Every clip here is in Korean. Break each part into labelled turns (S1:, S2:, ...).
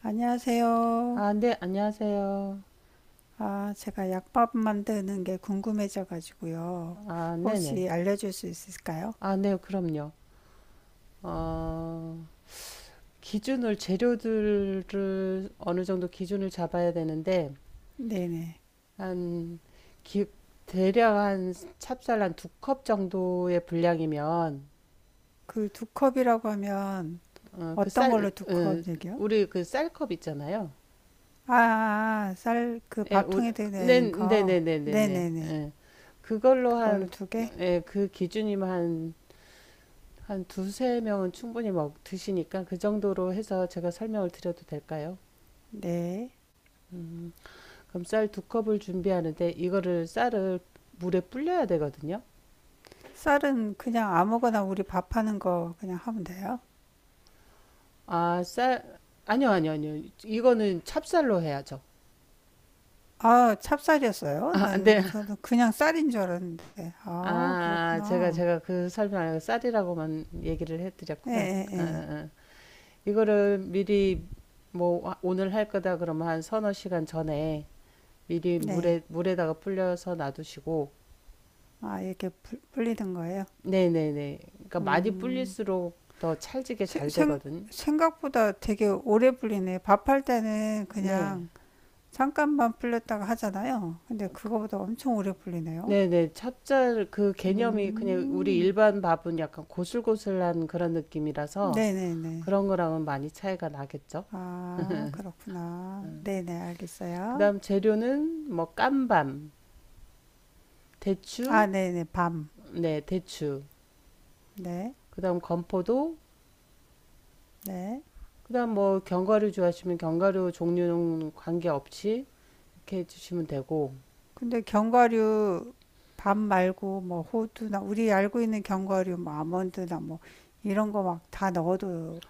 S1: 안녕하세요.
S2: 아, 네, 안녕하세요.
S1: 아, 제가 약밥 만드는 게 궁금해져가지고요.
S2: 아, 네네.
S1: 혹시 알려줄 수 있을까요?
S2: 아, 네, 그럼요. 어, 기준을, 재료들을 어느 정도 기준을 잡아야 되는데,
S1: 네네.
S2: 한, 기, 대략 한 찹쌀 한 두컵 정도의 분량이면,
S1: 그 두 컵이라고 하면
S2: 어, 그
S1: 어떤
S2: 쌀,
S1: 걸로 두
S2: 어,
S1: 컵 얘기요?
S2: 우리 그 쌀컵 있잖아요.
S1: 아, 아, 아, 쌀, 그
S2: 예, 우리,
S1: 밥통에
S2: 네,
S1: 드는 거.
S2: 네네네네네.
S1: 네네네.
S2: 예. 그걸로
S1: 그걸로
S2: 한,
S1: 두 개?
S2: 예, 그 기준이면 한 한 두세 명은 충분히 먹 드시니까 그 정도로 해서 제가 설명을 드려도 될까요?
S1: 네.
S2: 음, 그럼 쌀 두 컵을 준비하는데 이거를 쌀을 물에 불려야 되거든요.
S1: 쌀은 그냥 아무거나 우리 밥하는 거 그냥 하면 돼요?
S2: 아, 쌀 아니요, 아니요, 아니요. 이거는 찹쌀로 해야죠.
S1: 아, 찹쌀이었어요?
S2: 아,
S1: 난,
S2: 네.
S1: 저는 그냥 쌀인 줄 알았는데. 아,
S2: 아, 제가
S1: 그렇구나.
S2: 제가 그 설명 안 하고 쌀이라고만 얘기를
S1: 예,
S2: 해드렸구나.
S1: 예,
S2: 아, 아,
S1: 예.
S2: 아. 이거를 미리 뭐 오늘 할 거다 그러면 한 서너 시간 전에 미리
S1: 네.
S2: 물에다가 불려서 놔두시고
S1: 아, 이렇게 불리는 거예요?
S2: 네네네. 그러니까 많이
S1: 음,
S2: 불릴수록 더 찰지게
S1: 세-
S2: 잘
S1: 생,
S2: 되거든.
S1: 생각보다 되게 오래 불리네. 밥할 때는
S2: 네.
S1: 그냥 잠깐만 불렸다가 하잖아요. 근데 그거보다 엄청 오래 불리네요.
S2: 네네. 찹쌀 그 개념이 그냥 우리
S1: 음,
S2: 일반 밥은 약간 고슬고슬한 그런 느낌이라서
S1: 네네네.
S2: 그런 거랑은 많이 차이가 나겠죠.
S1: 아, 그렇구나. 네네, 알겠어요.
S2: 그다음 재료는 뭐 깐밤,
S1: 아,
S2: 대추,
S1: 네네, 밤.
S2: 네, 대추.
S1: 네,
S2: 그다음 건포도,
S1: 네.
S2: 그다음 뭐 견과류 좋아하시면 견과류 종류는 관계없이 이렇게 해주시면 되고,
S1: 근데 견과류, 밤 말고 뭐 호두나, 우리 알고 있는 견과류, 뭐 아몬드나 뭐 이런 거 막 다 넣어도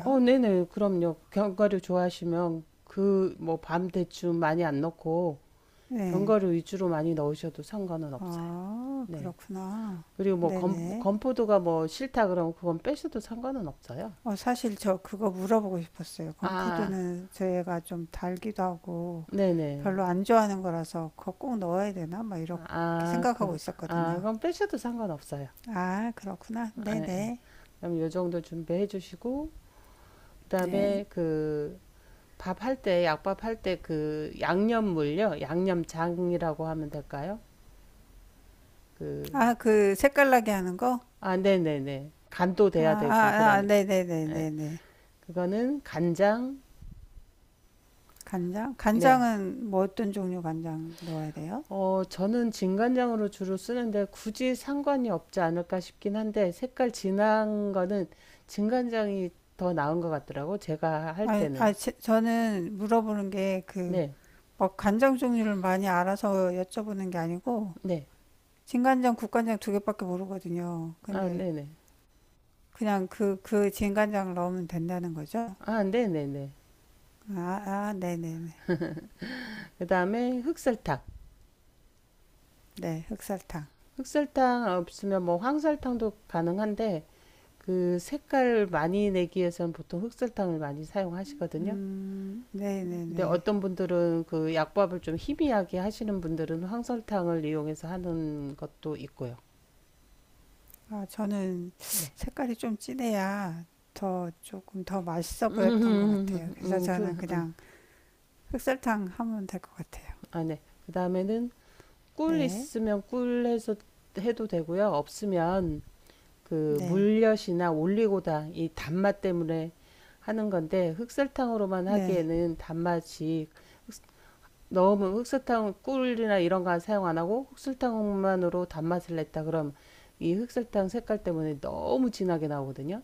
S2: 네네. 그럼요. 견과류 좋아하시면 그 뭐 밤 대추 많이 안 넣고
S1: 네.
S2: 견과류 위주로 많이 넣으셔도 상관은 없어요.
S1: 아,
S2: 네.
S1: 그렇구나.
S2: 그리고 뭐
S1: 네네.
S2: 건포도가 뭐 싫다 그러면 그건 빼셔도 상관은 없어요.
S1: 어, 사실 저 그거 물어보고 싶었어요.
S2: 아,
S1: 건푸드는 저희가 좀 달기도 하고
S2: 네네.
S1: 별로 안 좋아하는 거라서 그거 꼭 넣어야 되나? 막 이렇게
S2: 아,
S1: 생각하고
S2: 그, 아,
S1: 있었거든요.
S2: 그럼 빼셔도 상관없어요.
S1: 아, 그렇구나.
S2: 아, 예.
S1: 네네.
S2: 그럼 요 정도 준비해 주시고,
S1: 네.
S2: 그다음에 그 밥할 때, 약밥 할 때 그 양념물요. 양념장이라고 하면 될까요? 그
S1: 아, 그 색깔나게 하는 거?
S2: 아, 네네네. 간도
S1: 아,
S2: 돼야 되고,
S1: 아, 아,
S2: 그러니까. 예.
S1: 네네네네네.
S2: 그거는 간장,
S1: 간장?
S2: 네.
S1: 간장은 뭐 어떤 종류 간장 넣어야 돼요?
S2: 저는 진간장으로 주로 쓰는데 굳이 상관이 없지 않을까 싶긴 한데 색깔 진한 거는 진간장이 더 나은 것 같더라고, 제가 할
S1: 아, 아,
S2: 때는.
S1: 저는 물어보는 게그
S2: 네,
S1: 막 간장 종류를 많이 알아서 여쭤보는 게 아니고
S2: 네.
S1: 진간장, 국간장 두 개밖에 모르거든요.
S2: 아,
S1: 근데
S2: 네네.
S1: 그냥 그 진간장을 넣으면 된다는 거죠?
S2: 아, 네네네.
S1: 아, 아, 네네네.
S2: 그 다음에 흑설탕.
S1: 네, 흑설탕.
S2: 흑설탕 없으면 뭐 황설탕도 가능한데 그 색깔 많이 내기 위해서는 보통 흑설탕을 많이 사용하시거든요. 근데
S1: 네네네.
S2: 어떤 분들은 그 약밥을 좀 희미하게 하시는 분들은 황설탕을 이용해서 하는 것도 있고요.
S1: 아, 저는
S2: 네.
S1: 색깔이 좀 진해야 더 조금 더 맛있어 보였던 것
S2: 음,
S1: 같아요. 그래서
S2: 음, 그,
S1: 저는
S2: 음,
S1: 그냥 흑설탕 하면 될 것 같아요.
S2: 아, 네. 그 다음에는 꿀
S1: 네,
S2: 있으면 꿀 해서 해도 되고요. 없으면 그
S1: 네,
S2: 물엿이나 올리고당 이 단맛 때문에 하는 건데 흑설탕으로만
S1: 네.
S2: 하기에는 단맛이 너무 흑설탕 꿀이나 이런 거 사용 안 하고 흑설탕만으로 단맛을 냈다 그럼 이 흑설탕 색깔 때문에 너무 진하게 나오거든요.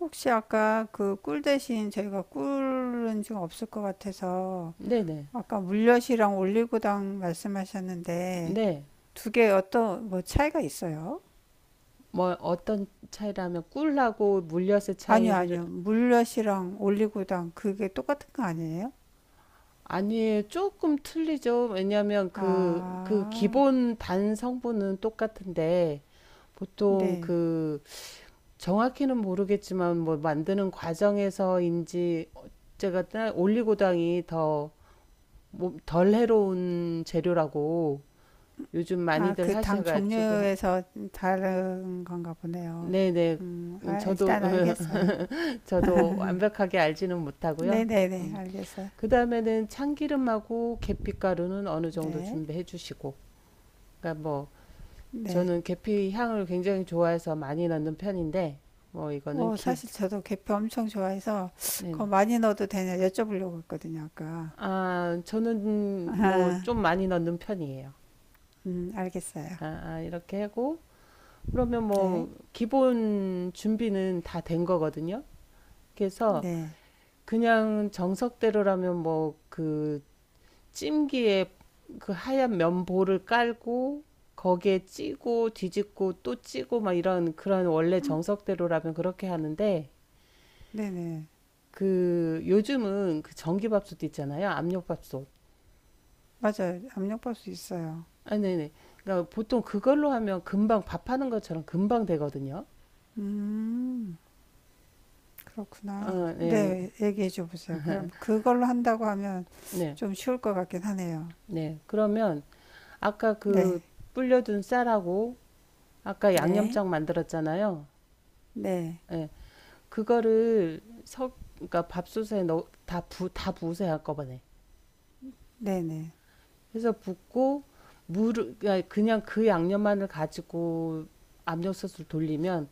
S1: 혹시 아까 그 꿀 대신 저희가 꿀은 지금 없을 것 같아서
S2: 네네.
S1: 아까 물엿이랑 올리고당 말씀하셨는데
S2: 네.
S1: 두 개 어떤 뭐 차이가 있어요?
S2: 뭐 어떤 차이라면 꿀하고 물엿의
S1: 아니요,
S2: 차이를
S1: 아니요. 물엿이랑 올리고당 그게 똑같은 거 아니에요?
S2: 아니에요. 조금 틀리죠. 왜냐하면 그
S1: 아,
S2: 기본 단 성분은 똑같은데 보통
S1: 네.
S2: 그 정확히는 모르겠지만 뭐 만드는 과정에서인지 제가 올리고당이 더 뭐 덜 해로운 재료라고 요즘
S1: 아,
S2: 많이들
S1: 그 당
S2: 하셔가지고
S1: 종류에서 다른 건가 보네요.
S2: 네네
S1: 아,
S2: 저도
S1: 일단 알겠어요.
S2: 저도 완벽하게 알지는 못하고요.
S1: 네네네,
S2: 음.
S1: 알겠어요.
S2: 그 다음에는 참기름하고 계피가루는 어느 정도
S1: 네,
S2: 준비해 주시고 그러니까 뭐
S1: 네.
S2: 저는 계피 향을 굉장히 좋아해서 많이 넣는 편인데 뭐 이거는
S1: 어,
S2: 기
S1: 사실 저도 계피 엄청 좋아해서 그거
S2: 네네
S1: 많이 넣어도 되냐 여쭤보려고 했거든요, 아까.
S2: 아 저는 뭐
S1: 아,
S2: 좀 많이 넣는 편이에요.
S1: 알겠어요.
S2: 아, 아 이렇게 하고 그러면
S1: 네.
S2: 뭐 기본 준비는 다 된 거거든요. 그래서
S1: 네.
S2: 그냥 정석대로라면 뭐 그 찜기에 그 하얀 면보를 깔고 거기에 찌고 뒤집고 또 찌고 막 이런 그런 원래 정석대로라면 그렇게 하는데
S1: 네네.
S2: 그 요즘은 그 전기밥솥 있잖아요. 압력밥솥.
S1: 맞아요. 압력밥솥 있어요.
S2: 아, 네네. 그러니까 보통 그걸로 하면 금방 밥하는 것처럼 금방 되거든요.
S1: 음, 그렇구나.
S2: 아, 네.
S1: 네, 얘기해 줘 보세요. 그럼 그걸로 한다고 하면
S2: 네.
S1: 좀 쉬울 것 같긴 하네요.
S2: 네. 그러면 아까 그
S1: 네.
S2: 불려둔 쌀하고 아까
S1: 네.
S2: 양념장 만들었잖아요.
S1: 네,
S2: 예. 그거를 그러니까 밥솥에 다 부으세요, 한꺼번에.
S1: 네네.
S2: 그래서 붓고, 물을, 그 그냥 그 양념만을 가지고 압력솥을 돌리면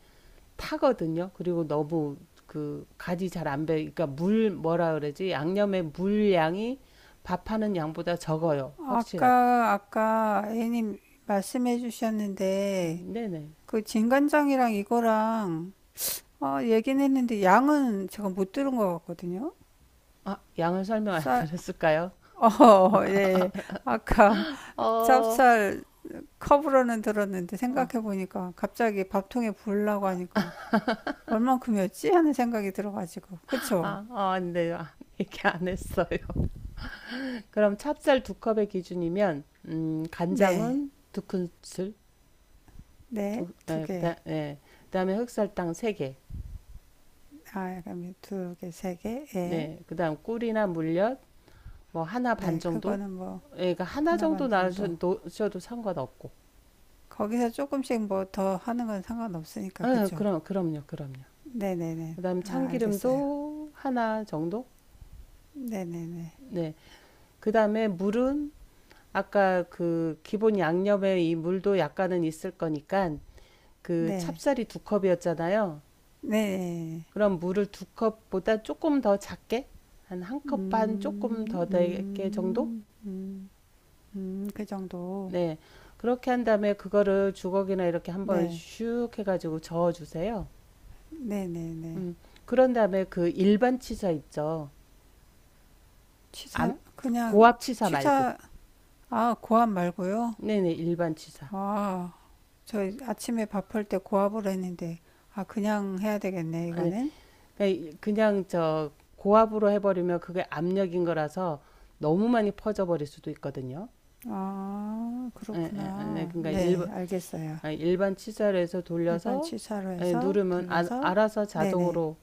S2: 타거든요. 그리고 너무 그 간이 잘 안 배, 그러니까 물, 뭐라 그러지? 양념의 물량이 밥하는 양보다 적어요. 확실하게.
S1: 아까, 아까 A님 말씀해 주셨는데,
S2: 네네.
S1: 그 진간장이랑 이거랑, 어, 얘기는 했는데, 양은 제가 못 들은 것 같거든요?
S2: 아, 양을 설명 안
S1: 쌀,
S2: 드렸을까요?
S1: 어, 예. 아까
S2: 어,
S1: 찹쌀 컵으로는 들었는데
S2: 어,
S1: 생각해보니까 갑자기 밥통에 부으려고 하니까 얼만큼이었지? 하는 생각이 들어가지고. 그쵸?
S2: 아, 아, 네, 아, 얘기 안 했어요. 그럼 찹쌀 두 컵의 기준이면
S1: 네.
S2: 간장은 두 큰술,
S1: 네.
S2: 두,
S1: 두
S2: 예,
S1: 개.
S2: 예, 그다음에 흑설탕 세 개,
S1: 아, 약간 두 개, 세 개. 예.
S2: 네, 그다음 꿀이나 물엿 뭐 하나 반
S1: 네.
S2: 정도,
S1: 그거는 뭐
S2: 예, 그러니까 하나
S1: 하나
S2: 정도
S1: 반 정도.
S2: 넣으셔도 상관없고,
S1: 거기서 조금씩 뭐 더 하는 건 상관없으니까.
S2: 예,
S1: 그쵸?
S2: 그럼요, 그럼요.
S1: 네네네.
S2: 그다음
S1: 아, 알겠어요.
S2: 참기름도 하나 정도,
S1: 네네네.
S2: 네, 그다음에 물은 아까 그 기본 양념에 이 물도 약간은 있을 거니까 그
S1: 네.
S2: 찹쌀이 두 컵이었잖아요.
S1: 네.
S2: 그럼 물을 두 컵보다 조금 더 작게 한 한 컵 반 조금
S1: 음,
S2: 더 되게 정도?
S1: 음, 음, 그 정도.
S2: 네. 그렇게 한 다음에 그거를 주걱이나 이렇게 한번
S1: 네.
S2: 슉 해가지고 저어주세요.
S1: 네네네.
S2: 음. 그런 다음에 그 일반 치사 있죠. 암,
S1: 취사, 그냥
S2: 고압 치사 말고.
S1: 취사, 아, 고압 말고요?
S2: 네네, 일반 치사.
S1: 아, 저 아침에 밥할 때 고압을 했는데, 아, 그냥 해야 되겠네,
S2: 아니,
S1: 이거는.
S2: 그냥, 저 고압으로 해버리면 그게 압력인 거라서 너무 많이 퍼져버릴 수도 있거든요.
S1: 아,
S2: 예, 예, 예. 네,
S1: 그렇구나.
S2: 그러니까
S1: 네, 알겠어요.
S2: 일반 치사로 해서
S1: 일반
S2: 돌려서
S1: 취사로 해서
S2: 누르면
S1: 둘러서,
S2: 알아서
S1: 네네.
S2: 자동으로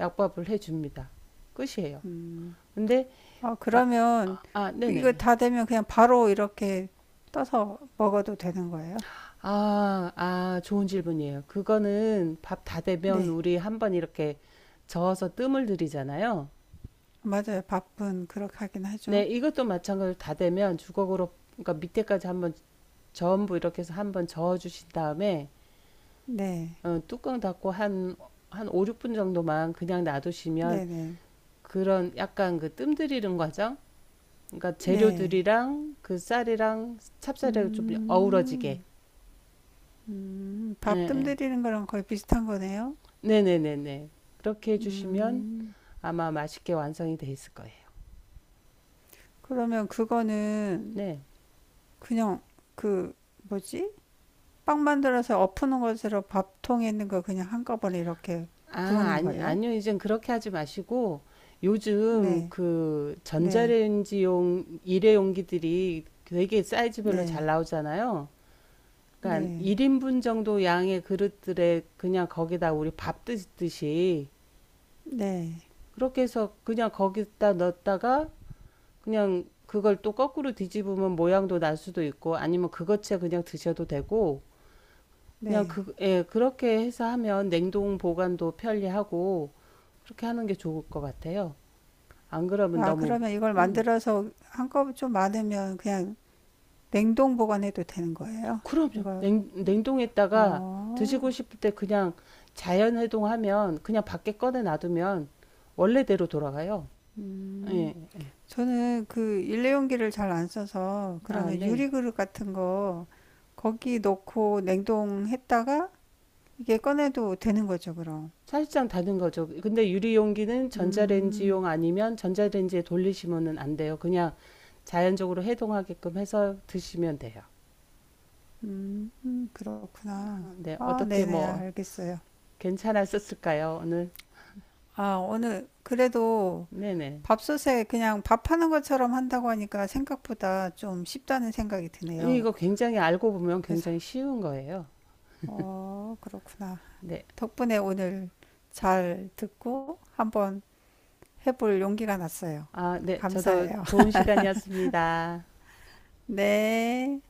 S2: 약밥을 해줍니다. 끝이에요.
S1: 음,
S2: 근데
S1: 아,
S2: 마-
S1: 그러면
S2: 아, 아,
S1: 이거
S2: 네네.
S1: 다 되면 그냥 바로 이렇게 떠서 먹어도 되는 거예요?
S2: 아, 아, 좋은 질문이에요. 그거는 밥 다 되면
S1: 네,
S2: 우리 한번 이렇게 저어서 뜸을 들이잖아요.
S1: 맞아요. 밥은 그렇게 하긴
S2: 네,
S1: 하죠.
S2: 이것도 마찬가지로 다 되면 주걱으로 그러니까 밑에까지 한번 전부 이렇게 해서 한번 저어 주신 다음에
S1: 네,
S2: 뚜껑 닫고 한 한 5, 6분 정도만 그냥 놔두시면
S1: 네네,
S2: 그런 약간 그 뜸들이는 과정 그러니까
S1: 네.
S2: 재료들이랑 그 쌀이랑 찹쌀이랑 좀 어우러지게.
S1: 음,
S2: 예,
S1: 밥뜸
S2: 예.
S1: 들이는 거랑 거의 비슷한 거네요.
S2: 네네네네. 그렇게 해주시면
S1: 음,
S2: 아마 맛있게 완성이 돼 있을 거예요.
S1: 그러면 그거는
S2: 네.
S1: 그냥 그 뭐지? 빵 만들어서 엎는 것으로 밥통에 있는 거 그냥 한꺼번에 이렇게
S2: 아,
S1: 부으는
S2: 아니,
S1: 거예요?
S2: 아니요. 이젠 그렇게 하지 마시고 요즘
S1: 네,
S2: 그
S1: 네,
S2: 전자레인지용 일회용기들이 되게 사이즈별로 잘
S1: 네,
S2: 나오잖아요. 그러니까
S1: 네,
S2: 1인분 정도 양의 그릇들에 그냥 거기다 우리 밥 드듯이
S1: 네,
S2: 그렇게 해서 그냥 거기다 넣었다가 그냥 그걸 또 거꾸로 뒤집으면 모양도 날 수도 있고 아니면 그것째 그냥 드셔도 되고 그냥
S1: 네.
S2: 그, 예, 그렇게 해서 하면 냉동 보관도 편리하고 그렇게 하는 게 좋을 것 같아요. 안 그러면
S1: 아,
S2: 너무
S1: 그러면 이걸
S2: 음,
S1: 만들어서 한꺼번에 좀 많으면 그냥 냉동 보관해도 되는 거예요?
S2: 그럼요.
S1: 이걸,
S2: 냉동했다가
S1: 어,
S2: 드시고 싶을 때 그냥 자연 해동하면 그냥 밖에 꺼내 놔두면 원래대로 돌아가요.
S1: 음.
S2: 예.
S1: 저는 그 일회용기를 잘 안 써서
S2: 아,
S1: 그러면
S2: 네.
S1: 유리그릇 같은 거 거기 넣고 냉동했다가 이게 꺼내도 되는 거죠, 그럼.
S2: 사실상 다른 거죠. 근데 유리용기는
S1: 음,
S2: 전자레인지용 아니면 전자레인지에 돌리시면은 안 돼요. 그냥 자연적으로 해동하게끔 해서 드시면 돼요.
S1: 그렇구나.
S2: 네,
S1: 아,
S2: 어떻게
S1: 네네,
S2: 뭐
S1: 알겠어요.
S2: 괜찮았었을까요? 오늘?
S1: 아, 오늘 그래도
S2: 네네.
S1: 밥솥에 그냥 밥하는 것처럼 한다고 하니까 생각보다 좀 쉽다는 생각이 드네요.
S2: 이거 굉장히 알고 보면
S1: 그래서,
S2: 굉장히 쉬운 거예요.
S1: 어, 그렇구나.
S2: 네.
S1: 덕분에 오늘 잘 듣고 한번 해볼 용기가 났어요.
S2: 아, 네. 저도
S1: 감사해요.
S2: 좋은 시간이었습니다.
S1: 네.